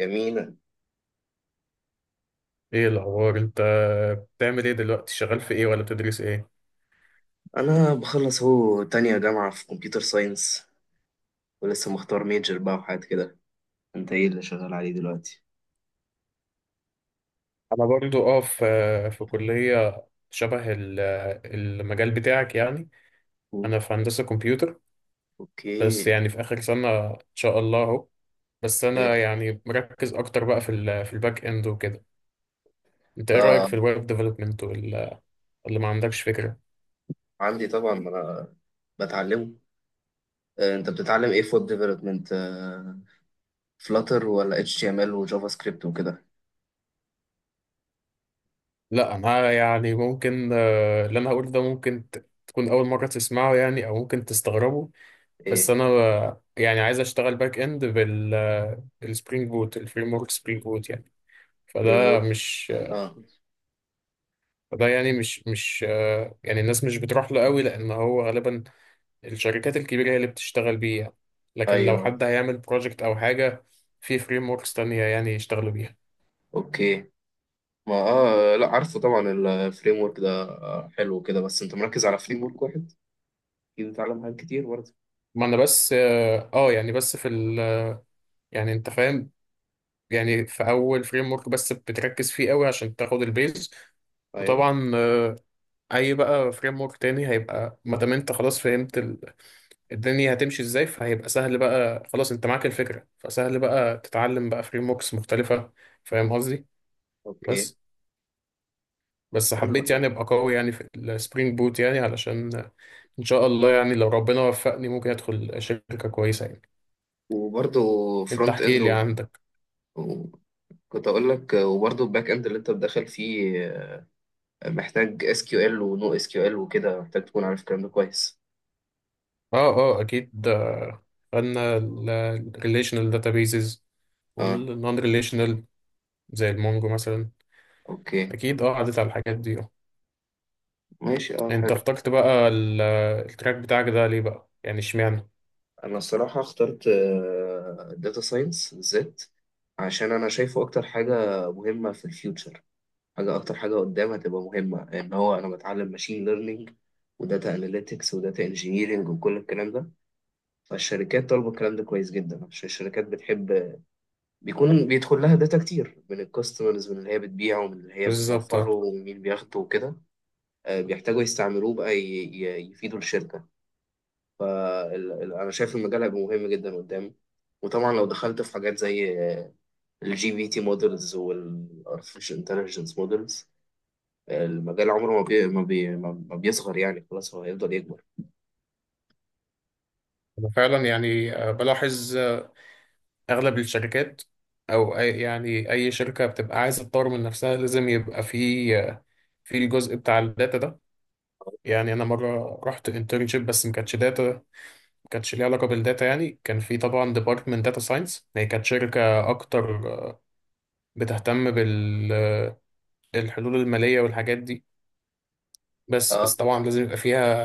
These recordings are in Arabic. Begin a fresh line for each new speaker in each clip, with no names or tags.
جميلة.
ايه الاخبار انت؟ بتعمل ايه دلوقتي؟ شغال في ايه ولا بتدرس ايه؟
أنا بخلص أهو تانية جامعة في كمبيوتر ساينس، ولسه مختار ميجر بقى وحاجات كده. أنت إيه اللي شغال عليه دلوقتي؟
انا برضو في كليه شبه المجال بتاعك يعني.
أو-
انا في هندسه كمبيوتر، بس
أوكي.
يعني في اخر سنه ان شاء الله اهو. بس
حلو.
انا يعني مركز اكتر بقى في في الباك اند وكده. انت ايه رايك في
آه.
الويب ديفلوبمنت، ولا ما عندكش فكره؟
عندي طبعا، ما أنا بتعلمه. أنت بتتعلم إيه؟ فود ديفلوبمنت؟ فلاتر ولا اتش تي ام ال وجافا سكريبت وكده؟
لا انا يعني ممكن اللي انا هقوله ده ممكن تكون اول مره تسمعه يعني، او ممكن تستغربه. بس
إيه.
انا يعني عايز اشتغل باك اند بال السبرينج بوت، الفريم ورك سبرينج بوت يعني.
فريم
فده
ورك.
مش
آه.
فده يعني مش يعني الناس مش بتروح له قوي، لان هو غالبا الشركات الكبيره هي اللي بتشتغل بيه يعني.
أيوه
لكن لو
أيوه.
حد هيعمل بروجكت او حاجه، في فريم وركس تانية يعني يشتغلوا بيها.
أوكي. ما لا، عارفه طبعا. الفريم ورك ده حلو كده، بس أنت مركز على فريم ورك واحد، أكيد بتتعلم حاجات كتير برضه.
ما انا بس يعني بس في ال يعني انت فاهم، يعني في اول فريم ورك بس بتركز فيه قوي عشان تاخد البيز.
أيوه.
وطبعا اي بقى فريم ورك تاني هيبقى، ما دام انت خلاص فهمت الدنيا هتمشي ازاي، فهيبقى سهل بقى، خلاص انت معاك الفكره، فسهل بقى تتعلم بقى فريم وركس مختلفه. فاهم قصدي؟
أوكي.
بس
حلو.
حبيت يعني ابقى قوي يعني في السبرينج بوت يعني، علشان ان شاء الله يعني لو ربنا وفقني ممكن ادخل شركه كويسه يعني.
وبرضه
انت
فرونت
احكي
اند
لي عندك.
و- كنت اقول لك، وبرضه الباك اند اللي انت بتدخل فيه محتاج اس كيو ال ونو اس كيو ال وكده، محتاج تكون عارف الكلام ده كويس.
اه اه اكيد آه، خدنا الريليشنال داتابيزز
اه.
والنون ريليشنال، زي المونجو مثلا.
اوكي
اكيد اه عدت على الحاجات دي.
ماشي، اه،
انت
حلو.
اخترت بقى التراك بتاعك ده ليه بقى يعني؟ اشمعنى؟
انا الصراحه اخترت داتا ساينس بالذات، عشان انا شايفه اكتر حاجه مهمه في الفيوتشر، حاجه اكتر حاجه قدام هتبقى مهمه، ان هو انا بتعلم ماشين ليرنينج وداتا اناليتكس وداتا انجينيرنج وكل الكلام ده. فالشركات طالبه الكلام ده كويس جدا، عشان الشركات بتحب بيكون بيدخل لها داتا كتير من الكاستمرز، من اللي هي بتبيعه، ومن اللي هي
بالظبط اه.
بتوفره، ومين بياخده وكده. بيحتاجوا يستعملوه بقى يفيدوا الشركة. فأنا شايف المجال هيبقى مهم جدا قدام، وطبعا لو دخلت في حاجات زي الجي بي تي مودلز والارتفيشال انتليجنس مودلز، المجال عمره ما بي ما, بي ما ما بيصغر، يعني خلاص هو هيفضل يكبر.
انا فعلا يعني بلاحظ آه، اغلب الشركات، او أي يعني اي شركه بتبقى عايزه تطور من نفسها، لازم يبقى في آه، في الجزء بتاع الداتا ده. يعني انا مره رحت انترنشيب، بس ما كانتش داتا، ما كانتش ليها علاقه بالداتا يعني. كان في طبعا ديبارتمنت داتا ساينس، هي كانت شركه اكتر آه، بتهتم بالحلول الماليه والحاجات دي، بس
اه
طبعا لازم يبقى فيها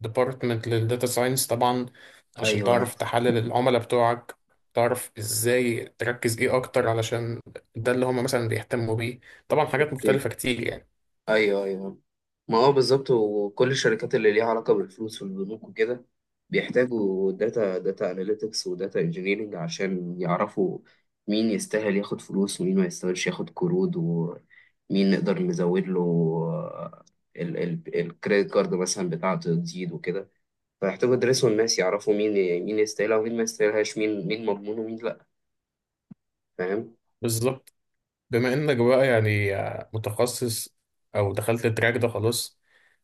ديبارتمنت للداتا ساينس طبعا، عشان
ايوه ايوه.
تعرف تحلل العملاء بتوعك، تعرف ازاي تركز ايه اكتر، علشان ده اللي هم مثلا بيهتموا بيه. طبعا حاجات
اوكي.
مختلفة كتير يعني.
ايوه ايوه. ما هو بالظبط، وكل الشركات اللي ليها علاقة بالفلوس والبنوك وكده بيحتاجوا داتا اناليتكس وداتا انجينيرنج، عشان يعرفوا مين يستاهل ياخد فلوس ومين ما يستاهلش ياخد قروض، ومين نقدر نزود له الكريدت كارد مثلا بتاعته تزيد وكده. فيحتاجوا يدرسوا الناس، يعرفوا مين، مين يستاهلها ومين ما يستاهلهاش، مين مين مضمون ومين لا، فاهم؟
بالظبط. بما انك بقى يعني آه، متخصص او دخلت التراك ده خلاص،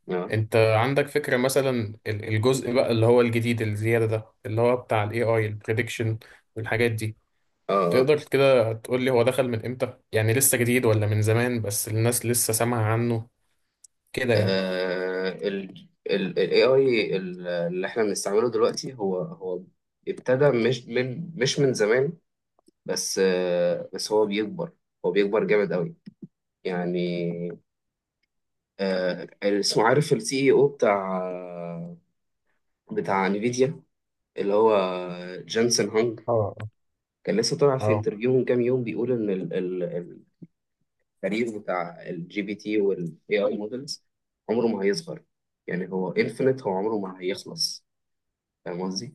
اه
انت عندك فكرة مثلا الجزء بقى اللي هو الجديد الزيادة ده، اللي هو بتاع الاي اي البريدكشن والحاجات دي؟
اه،
تقدر كده تقول لي هو دخل من امتى؟ يعني لسه جديد ولا من زمان بس الناس لسه سامعة عنه كده يعني.
ال AI اللي احنا بنستعمله دلوقتي، هو ابتدى، مش من زمان، بس هو بيكبر جامد قوي يعني. اسمه... عارف السي اي او بتاع انفيديا، اللي هو جانسون هانج.
اه
كان لسه طالع في
اه
انترفيو من كام يوم بيقول ان التاريخ بتاع الجي بي تي والاي اي مودلز عمره ما هيصغر، يعني هو انفينيت، هو عمره ما هيخلص، فاهم قصدي؟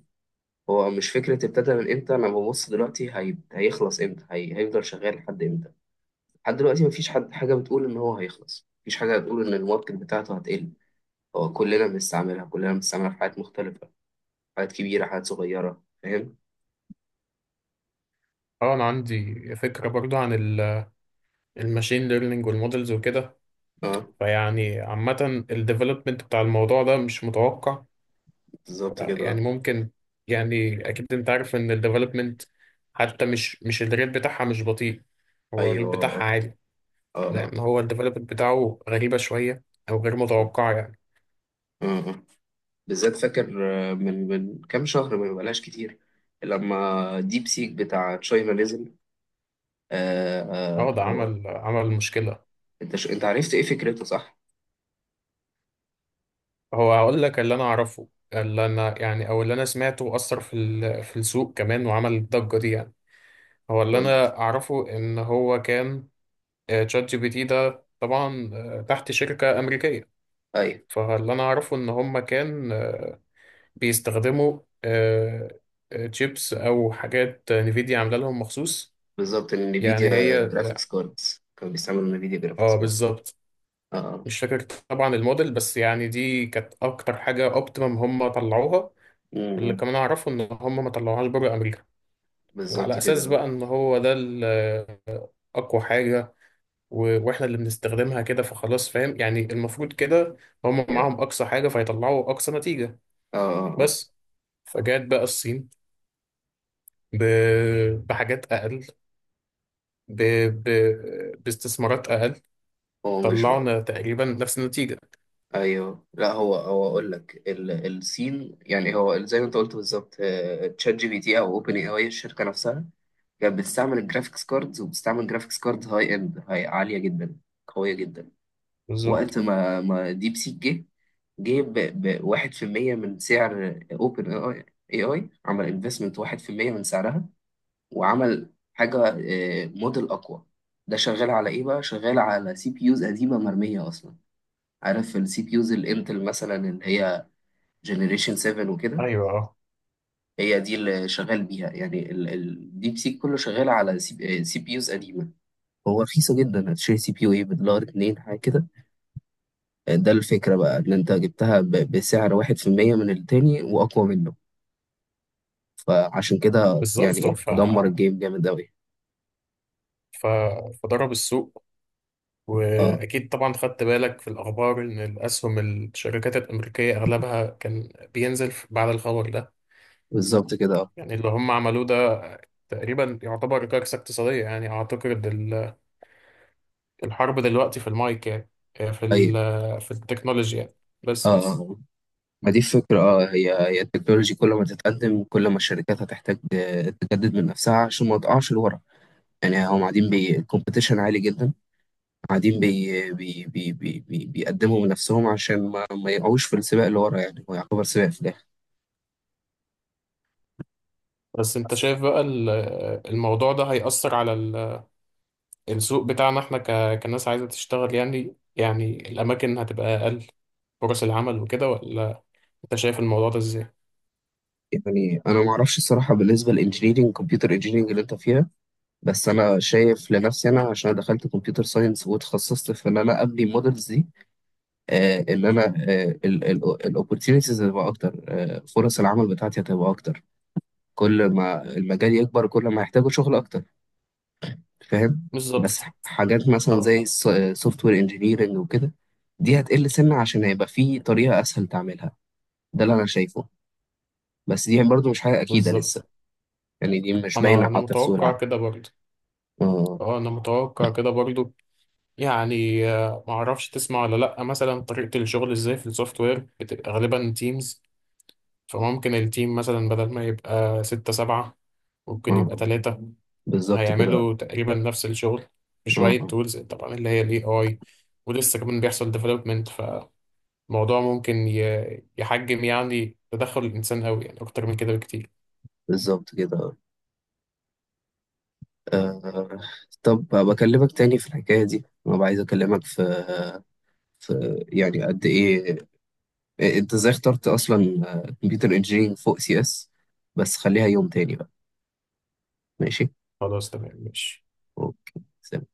هو مش فكرة ابتدى من امتى، انا ببص دلوقتي هيخلص امتى، هيفضل شغال لحد امتى. لحد دلوقتي مفيش حد، حاجة بتقول ان هو هيخلص، مفيش حاجة بتقول ان الماركت بتاعته هتقل. هو كلنا بنستعملها، كلنا بنستعملها في حاجات مختلفة، حاجات كبيرة حاجات صغيرة، فاهم.
اه انا عندي فكره برضو عن الماشين ليرنينج والمودلز وكده.
اه
فيعني عامه الديفلوبمنت بتاع الموضوع ده مش متوقع
بالظبط كده، آه.
يعني. ممكن يعني اكيد انت عارف ان الديفلوبمنت، حتى مش الريت بتاعها مش بطيء، هو الريت
ايوه اه
بتاعها عالي،
اه اه آه.
لان هو الديفلوبمنت بتاعه غريبه شويه او غير
بالظبط
متوقعه يعني.
اه آه. بالذات فاكر، من كام شهر، ما بقالهاش كتير، لما ديب سيك بتاع تشاينا نزل. آه
اه
آه،
ده
هو...
عمل مشكله.
انت عرفت ايه فكرته صح؟
هو هقول لك اللي انا اعرفه، اللي انا يعني او اللي انا سمعته اثر في السوق كمان وعمل الضجه دي يعني. هو اللي
قول.
انا اعرفه ان هو كان آه، تشات جي بي تي ده طبعا آه، تحت شركة امريكية، فاللي انا اعرفه ان هم كان آه، بيستخدموا تشيبس او حاجات نفيديا عامله لهم مخصوص.
بالظبط،
يعني
النفيديا
هي،
جرافيكس كاردز، كانوا بيستعملوا نفيديا جرافيكس
اه
كاردز.
بالظبط،
اه.
مش فاكر طبعا الموديل، بس يعني دي كانت اكتر حاجة اوبتيمم هم طلعوها. اللي
امم.
كمان اعرفه ان هم ما طلعوهاش بره امريكا،
بالظبط
وعلى اساس
كده،
بقى ان هو ده اقوى حاجة واحنا اللي بنستخدمها كده، فخلاص فاهم يعني، المفروض كده هم
اه
معاهم اقصى حاجه فيطلعوا اقصى نتيجه.
اه آه.
بس فجات بقى الصين ب... بحاجات اقل، ب... باستثمارات اقل،
هو مش بقى.
طلعنا تقريبا نفس النتيجه.
ايوه لا، هو اقول لك، السين يعني، هو زي ما انت قلت بالظبط، تشات جي بي تي او اوبن اي اي، الشركه نفسها كانت بتستعمل الجرافيكس كاردز، وبتستعمل جرافيكس كاردز هاي اند، هاي عاليه جدا، قويه جدا.
بالظبط،
وقت ما ما ديب سيك جه ب 1% من سعر اوبن اي اي، عمل انفستمنت 1% من سعرها، وعمل حاجة، موديل أقوى. ده شغال على إيه بقى؟ شغال على سي بي يوز قديمة مرمية أصلا. عارف السي بي يوز الإنتل مثلا، اللي هي جنريشن 7 وكده،
ايوه اه،
هي دي اللي شغال بيها، يعني الديب سيك كله شغال على سي بي يوز قديمة. هو رخيصة جدا، هتشتري سي بي يو ايه؟ بدولار اتنين، حاجة كده. ده الفكرة بقى، إن أنت جبتها بسعر واحد في المية من التاني وأقوى منه. فعشان كده يعني
بالظبط.
بالظبط دمر الجيم جامد أوي.
ف... فضرب السوق،
اه
واكيد طبعا خدت بالك في الاخبار ان الاسهم الشركات الامريكيه اغلبها كان بينزل بعد الخبر ده.
بالظبط كده اه.
يعني اللي هم عملوه ده تقريبا يعتبر كارثة اقتصادية يعني. أعتقد الحرب دلوقتي في المايك يعني، آه،
أيوه
في التكنولوجيا يعني.
اه
بس.
آه. ما دي الفكرة، اه، هي التكنولوجي، كل ما تتقدم كل ما الشركات هتحتاج تجدد من نفسها عشان ما تقعش لورا. يعني هم قاعدين بي الكومبيتيشن عالي جدا، قاعدين بي بي بي بي بي بيقدموا من نفسهم عشان ما يقعوش في السباق اللي ورا، يعني هو يعتبر سباق في الآخر.
بس أنت شايف بقى الموضوع ده هيأثر على السوق بتاعنا إحنا كناس عايزة تشتغل يعني؟ يعني الأماكن هتبقى أقل، فرص العمل وكده، ولا أنت شايف الموضوع ده إزاي؟
يعني انا ما اعرفش الصراحه، بالنسبه للانجينيرنج، كمبيوتر انجينيرنج اللي انت فيها، بس انا شايف لنفسي انا، عشان أنا دخلت كمبيوتر ساينس وتخصصت في ان انا ابني مودلز دي، ان انا الاوبورتيونيتيز هتبقى اكتر، فرص العمل بتاعتي هتبقى اكتر، كل ما المجال يكبر كل ما هيحتاجوا شغل اكتر، فاهم. بس
بالظبط.
حاجات مثلا
أه
زي سوفت وير انجينيرنج وكده، دي هتقل سنة، عشان هيبقى في طريقة اسهل تعملها، ده اللي انا شايفه، بس دي برضو مش حاجة اكيدة
بالظبط.
لسه، يعني دي مش باينة
أنا
حتى في سوق
متوقع
العمل.
كده برضه.
اه.
أه أنا متوقع كده برضه. يعني آه، ما اعرفش تسمع ولا لا، مثلا طريقة الشغل ازاي في السوفت وير، بتبقى غالبا تيمز، فممكن التيم مثلا بدل ما يبقى 6 7، ممكن يبقى
اه
3،
بالظبط كده اه
هيعملوا تقريبا نفس الشغل بشوية
آه.
تولز طبعا اللي هي الاي اي. ولسه كمان بيحصل ديفلوبمنت فالموضوع، ممكن يحجم يعني تدخل الإنسان قوي يعني أكتر من كده بكتير.
بالظبط كده اه آه. طب بكلمك تاني في الحكاية دي، انا عايز اكلمك في ف- يعني قد ايه انت ازاي اخترت اصلا، كمبيوتر انجينيرنج فوق سي اس، بس خليها يوم تاني بقى. ماشي.
خلاص تمام ماشي.
اوكي.